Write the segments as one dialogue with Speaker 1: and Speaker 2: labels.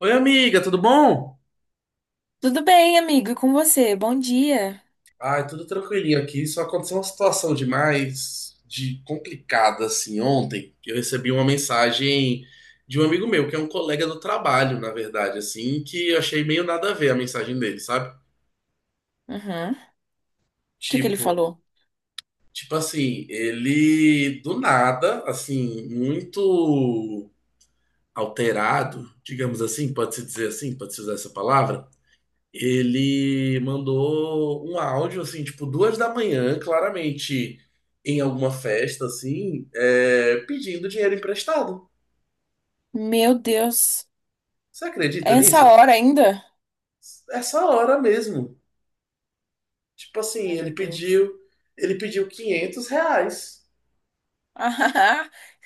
Speaker 1: Oi, amiga, tudo bom?
Speaker 2: Tudo bem, amigo, e com você? Bom dia.
Speaker 1: Ai, tudo tranquilinho aqui. Só aconteceu uma situação demais de complicada assim ontem. Eu recebi uma mensagem de um amigo meu, que é um colega do trabalho, na verdade, assim, que eu achei meio nada a ver a mensagem dele, sabe?
Speaker 2: Uhum. O que que ele
Speaker 1: Tipo,
Speaker 2: falou?
Speaker 1: tipo assim, ele do nada, assim, muito alterado, digamos assim, pode-se dizer assim, pode-se usar essa palavra. Ele mandou um áudio, assim, tipo, 2 da manhã, claramente em alguma festa, assim, pedindo dinheiro emprestado.
Speaker 2: Meu Deus,
Speaker 1: Você acredita
Speaker 2: essa
Speaker 1: nisso?
Speaker 2: hora ainda?
Speaker 1: Essa hora mesmo. Tipo
Speaker 2: Ai,
Speaker 1: assim,
Speaker 2: meu Deus.
Speaker 1: ele pediu R$ 500.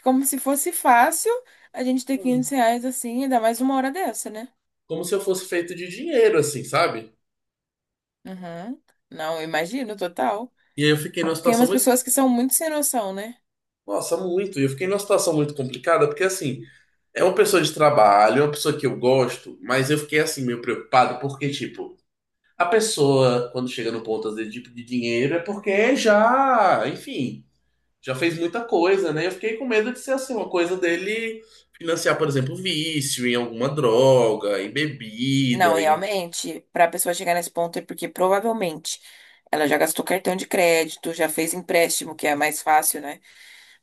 Speaker 2: Como se fosse fácil a gente ter 500
Speaker 1: Hum.
Speaker 2: reais assim, ainda mais uma hora dessa, né?
Speaker 1: Como se eu fosse feito de dinheiro, assim, sabe?
Speaker 2: Uhum. Não, eu imagino, total.
Speaker 1: E aí eu fiquei numa
Speaker 2: Tem
Speaker 1: situação
Speaker 2: umas
Speaker 1: muito,
Speaker 2: pessoas que são muito sem noção, né?
Speaker 1: nossa, muito. E eu fiquei numa situação muito complicada, porque assim, é uma pessoa de trabalho, é uma pessoa que eu gosto, mas eu fiquei assim, meio preocupado, porque, tipo, a pessoa, quando chega no ponto, às vezes, de pedir dinheiro, é porque já, enfim, já fez muita coisa, né? Eu fiquei com medo de ser assim, uma coisa dele financiar, por exemplo, vício em alguma droga, em
Speaker 2: Não,
Speaker 1: bebida. E...
Speaker 2: realmente, para a pessoa chegar nesse ponto é porque provavelmente ela já gastou cartão de crédito, já fez empréstimo, que é mais fácil, né?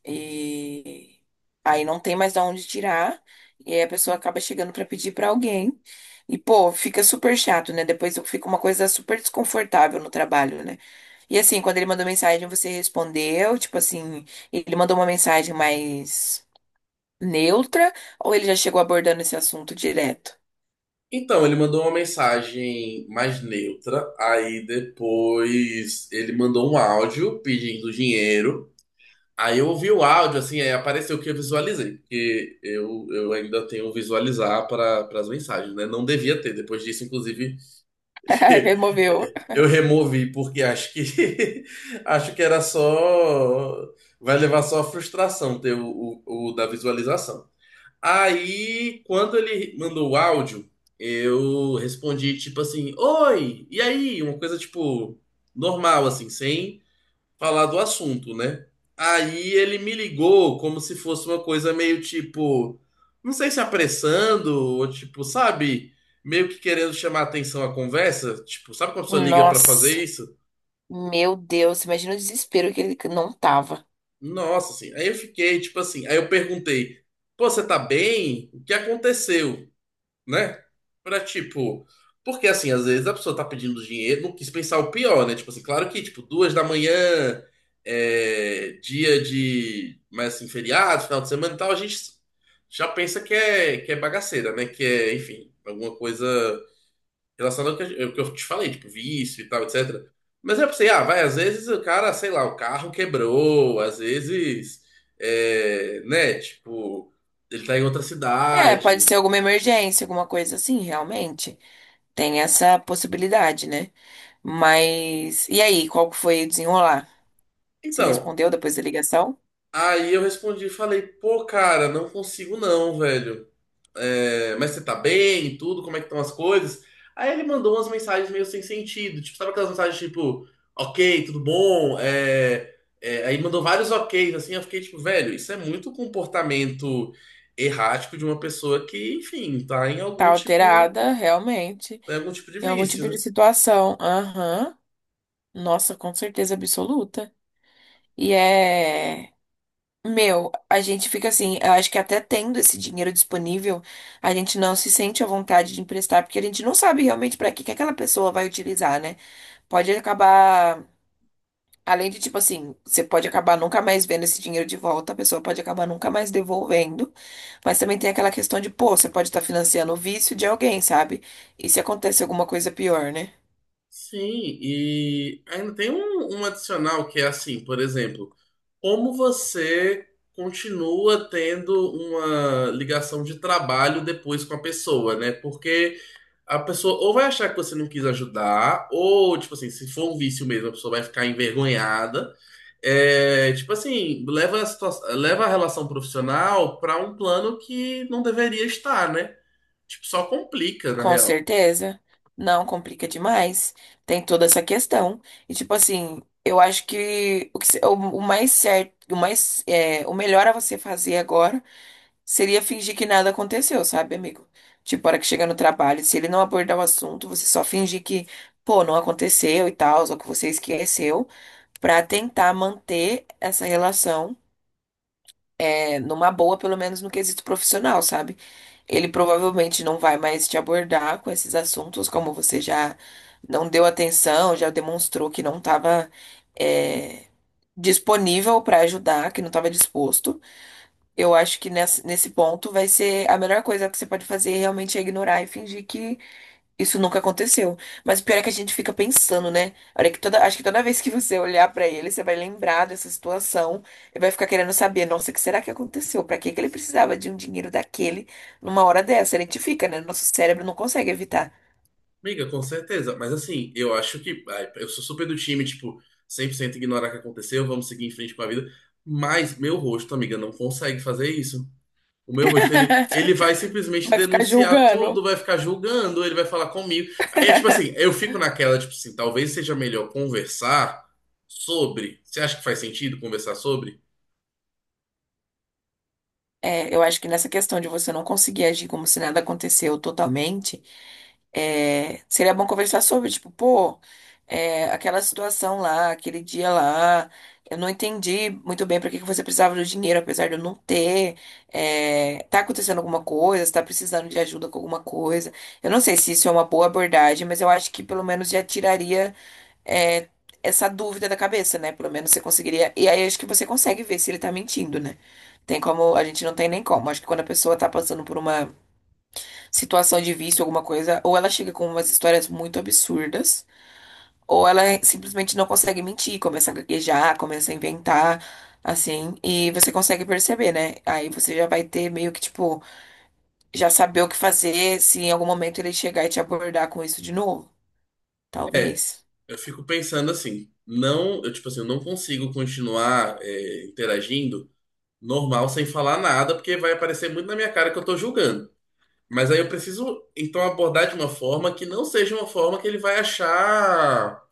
Speaker 2: E aí não tem mais de onde tirar. E aí a pessoa acaba chegando pra pedir pra alguém. E, pô, fica super chato, né? Depois fica uma coisa super desconfortável no trabalho, né? E assim, quando ele mandou mensagem, você respondeu, tipo assim, ele mandou uma mensagem mais neutra, ou ele já chegou abordando esse assunto direto?
Speaker 1: então, ele mandou uma mensagem mais neutra, aí depois ele mandou um áudio pedindo dinheiro. Aí eu ouvi o áudio, assim, aí apareceu o que eu visualizei, porque eu ainda tenho visualizar para as mensagens, né? Não devia ter, depois disso, inclusive.
Speaker 2: Removeu.
Speaker 1: Eu removi porque acho que acho que era só vai levar só a frustração ter o da visualização. Aí quando ele mandou o áudio, eu respondi tipo assim: "Oi, e aí?" Uma coisa tipo normal assim, sem falar do assunto, né? Aí ele me ligou como se fosse uma coisa meio tipo, não sei se apressando, ou tipo, sabe, meio que querendo chamar atenção à conversa, tipo, sabe quando a pessoa liga pra fazer
Speaker 2: Nossa,
Speaker 1: isso?
Speaker 2: meu Deus, imagina o desespero que ele não tava.
Speaker 1: Nossa, assim, aí eu fiquei, tipo assim, aí eu perguntei, pô, você tá bem? O que aconteceu, né? Pra tipo. Porque assim, às vezes a pessoa tá pedindo dinheiro, não quis pensar o pior, né? Tipo assim, claro que, tipo, 2 da manhã, dia de. Mas assim, feriado, final de semana e tal, a gente já pensa que é bagaceira, né? Que é, enfim, alguma coisa relacionada ao que, ao que eu te falei, tipo, vício e tal, etc. Mas eu pensei, ah, vai, às vezes o cara, sei lá, o carro quebrou, às vezes, né? Tipo, ele tá em outra
Speaker 2: É, pode
Speaker 1: cidade.
Speaker 2: ser alguma emergência, alguma coisa assim, realmente. Tem essa possibilidade, né? Mas. E aí, qual que foi o desenrolar? Você
Speaker 1: Então,
Speaker 2: respondeu depois da ligação?
Speaker 1: aí eu respondi, falei, pô, cara, não consigo não, velho. É, mas você tá bem e tudo? Como é que estão as coisas? Aí ele mandou umas mensagens meio sem sentido. Tipo, sabe aquelas mensagens tipo, ok, tudo bom? Aí mandou vários ok's, assim. Eu fiquei tipo, velho, isso é muito comportamento errático de uma pessoa que, enfim, tá em
Speaker 2: Tá
Speaker 1: algum tipo,
Speaker 2: alterada, realmente,
Speaker 1: em algum tipo de
Speaker 2: em algum tipo
Speaker 1: vício,
Speaker 2: de
Speaker 1: né?
Speaker 2: situação. Aham. Nossa, com certeza absoluta. E é. Meu, a gente fica assim, eu acho que até tendo esse dinheiro disponível, a gente não se sente à vontade de emprestar, porque a gente não sabe realmente para que que aquela pessoa vai utilizar, né? Pode acabar, além de tipo assim, você pode acabar nunca mais vendo esse dinheiro de volta, a pessoa pode acabar nunca mais devolvendo, mas também tem aquela questão de, pô, você pode estar financiando o vício de alguém, sabe? E se acontece alguma coisa pior, né?
Speaker 1: Sim, e ainda tem um adicional que é assim, por exemplo, como você continua tendo uma ligação de trabalho depois com a pessoa, né? Porque a pessoa ou vai achar que você não quis ajudar, ou, tipo assim, se for um vício mesmo, a pessoa vai ficar envergonhada. É, tipo assim, leva a relação profissional para um plano que não deveria estar, né? Tipo, só complica, na
Speaker 2: Com
Speaker 1: real.
Speaker 2: certeza. Não complica demais. Tem toda essa questão. E tipo assim, eu acho que o, que se- o mais certo, o mais, o melhor a você fazer agora seria fingir que nada aconteceu, sabe, amigo? Tipo, a hora que chega no trabalho, se ele não abordar o assunto, você só fingir que, pô, não aconteceu e tal, ou que você esqueceu, pra tentar manter essa relação numa boa, pelo menos no quesito profissional, sabe? Ele provavelmente não vai mais te abordar com esses assuntos, como você já não deu atenção, já demonstrou que não estava disponível para ajudar, que não estava disposto. Eu acho que nesse ponto vai ser a melhor coisa que você pode fazer realmente é ignorar e fingir que isso nunca aconteceu. Mas o pior é que a gente fica pensando, né? Olha acho que toda vez que você olhar pra ele, você vai lembrar dessa situação e vai ficar querendo saber, nossa, o que será que aconteceu? Pra que que ele precisava de um dinheiro daquele numa hora dessa? A gente fica, né? Nosso cérebro não consegue evitar.
Speaker 1: Amiga, com certeza. Mas assim, eu acho que, ai, eu sou super do time, tipo, 100% ignorar o que aconteceu, vamos seguir em frente com a vida. Mas meu rosto, amiga, não consegue fazer isso. O meu rosto, ele vai simplesmente
Speaker 2: Vai ficar
Speaker 1: denunciar tudo,
Speaker 2: julgando.
Speaker 1: vai ficar julgando, ele vai falar comigo. Aí é tipo assim, eu fico naquela, tipo assim, talvez seja melhor conversar sobre. Você acha que faz sentido conversar sobre?
Speaker 2: É, eu acho que nessa questão de você não conseguir agir como se nada aconteceu totalmente, seria bom conversar sobre, tipo, pô, aquela situação lá, aquele dia lá, eu não entendi muito bem para que que você precisava do dinheiro, apesar de eu não ter, tá acontecendo alguma coisa, você tá precisando de ajuda com alguma coisa. Eu não sei se isso é uma boa abordagem, mas eu acho que pelo menos já tiraria é, essa dúvida da cabeça, né? Pelo menos você conseguiria. E aí acho que você consegue ver se ele tá mentindo, né? Tem como. A gente não tem nem como. Acho que quando a pessoa tá passando por uma situação de vício, alguma coisa, ou ela chega com umas histórias muito absurdas, ou ela simplesmente não consegue mentir, começa a gaguejar, começa a inventar. Assim, e você consegue perceber, né? Aí você já vai ter meio que, tipo, já saber o que fazer se em algum momento ele chegar e te abordar com isso de novo. Talvez.
Speaker 1: Eu fico pensando assim, não, eu, tipo assim, eu não consigo continuar, interagindo normal, sem falar nada, porque vai aparecer muito na minha cara que eu tô julgando. Mas aí eu preciso, então, abordar de uma forma que não seja uma forma que ele vai achar,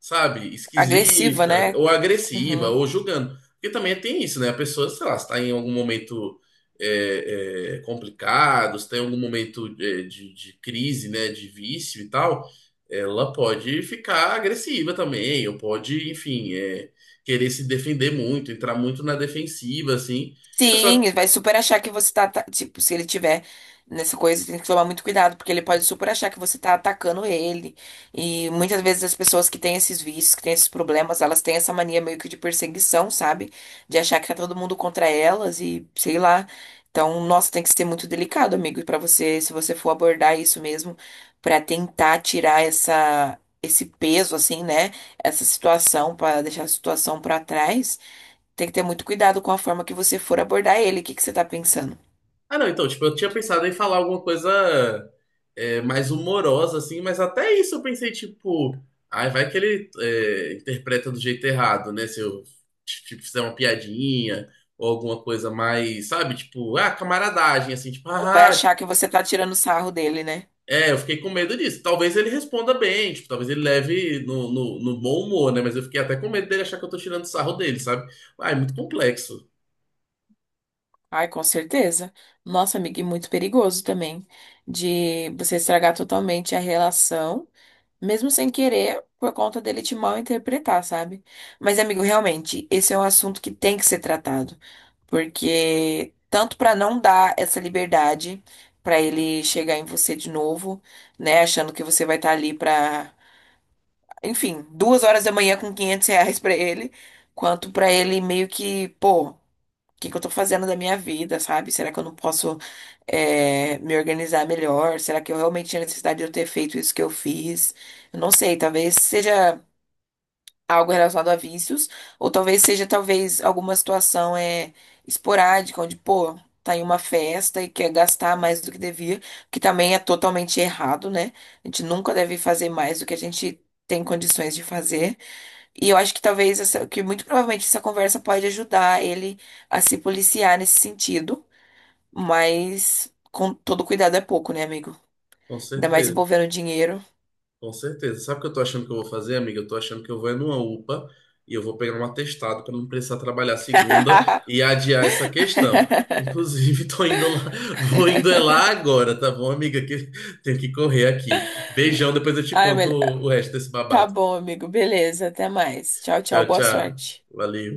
Speaker 1: sabe,
Speaker 2: Agressiva,
Speaker 1: esquisita,
Speaker 2: né?
Speaker 1: ou agressiva,
Speaker 2: Uhum.
Speaker 1: ou julgando. Porque também tem isso, né? A pessoa, sei lá, se está em algum momento complicado, se tem algum momento de, crise, né, de vício e tal, ela pode ficar agressiva também, ou pode, enfim, é, querer se defender muito, entrar muito na defensiva, assim. E eu só,
Speaker 2: Sim, ele vai super achar que você tá, tipo, se ele tiver nessa coisa, tem que tomar muito cuidado, porque ele pode super achar que você tá atacando ele. E muitas vezes as pessoas que têm esses vícios, que têm esses problemas, elas têm essa mania meio que de perseguição, sabe? De achar que tá todo mundo contra elas e sei lá. Então, nossa, tem que ser muito delicado, amigo, pra você, se você for abordar isso mesmo, pra tentar tirar essa esse peso assim, né? Essa situação, pra deixar a situação pra trás. Tem que ter muito cuidado com a forma que você for abordar ele. O que que você tá pensando?
Speaker 1: ah, não, então, tipo, eu tinha pensado em falar alguma coisa mais humorosa, assim, mas até isso eu pensei, tipo, ai, vai que ele interpreta do jeito errado, né? Se eu, tipo, fizer uma piadinha ou alguma coisa mais, sabe? Tipo, ah, camaradagem, assim, tipo,
Speaker 2: Ou vai
Speaker 1: ah, ah", tipo,
Speaker 2: achar que você tá tirando sarro dele, né?
Speaker 1: é, eu fiquei com medo disso. Talvez ele responda bem, tipo, talvez ele leve no bom humor, né? Mas eu fiquei até com medo dele achar que eu tô tirando sarro dele, sabe? Ah, é muito complexo,
Speaker 2: Ai, com certeza. Nossa, amiga, e muito perigoso também de você estragar totalmente a relação, mesmo sem querer, por conta dele te mal interpretar, sabe? Mas, amigo, realmente, esse é um assunto que tem que ser tratado, porque tanto pra não dar essa liberdade pra ele chegar em você de novo, né, achando que você vai estar ali pra enfim, 2 horas da manhã com R$ 500 pra ele, quanto pra ele meio que, pô, o que que eu tô fazendo da minha vida, sabe? Será que eu não posso me organizar melhor? Será que eu realmente tinha necessidade de eu ter feito isso que eu fiz? Eu não sei, talvez seja algo relacionado a vícios, ou talvez seja, talvez, alguma situação esporádica, onde, pô, tá em uma festa e quer gastar mais do que devia, que também é totalmente errado, né? A gente nunca deve fazer mais do que a gente tem condições de fazer. E eu acho que talvez, que muito provavelmente essa conversa pode ajudar ele a se policiar nesse sentido, mas com todo cuidado é pouco, né, amigo?
Speaker 1: com
Speaker 2: Ainda mais
Speaker 1: certeza.
Speaker 2: envolvendo dinheiro.
Speaker 1: Com certeza. Sabe o que eu tô achando que eu vou fazer, amiga? Eu tô achando que eu vou é numa UPA e eu vou pegar um atestado para não precisar trabalhar segunda e adiar essa questão. Inclusive, tô indo lá, vou indo é lá agora, tá bom, amiga? Que tenho que correr aqui. Beijão, depois eu te
Speaker 2: Ai,
Speaker 1: conto
Speaker 2: melhor.
Speaker 1: o resto desse
Speaker 2: Tá
Speaker 1: babado.
Speaker 2: bom, amigo, beleza, até mais. Tchau,
Speaker 1: Tchau,
Speaker 2: tchau, boa
Speaker 1: tchau.
Speaker 2: sorte.
Speaker 1: Valeu.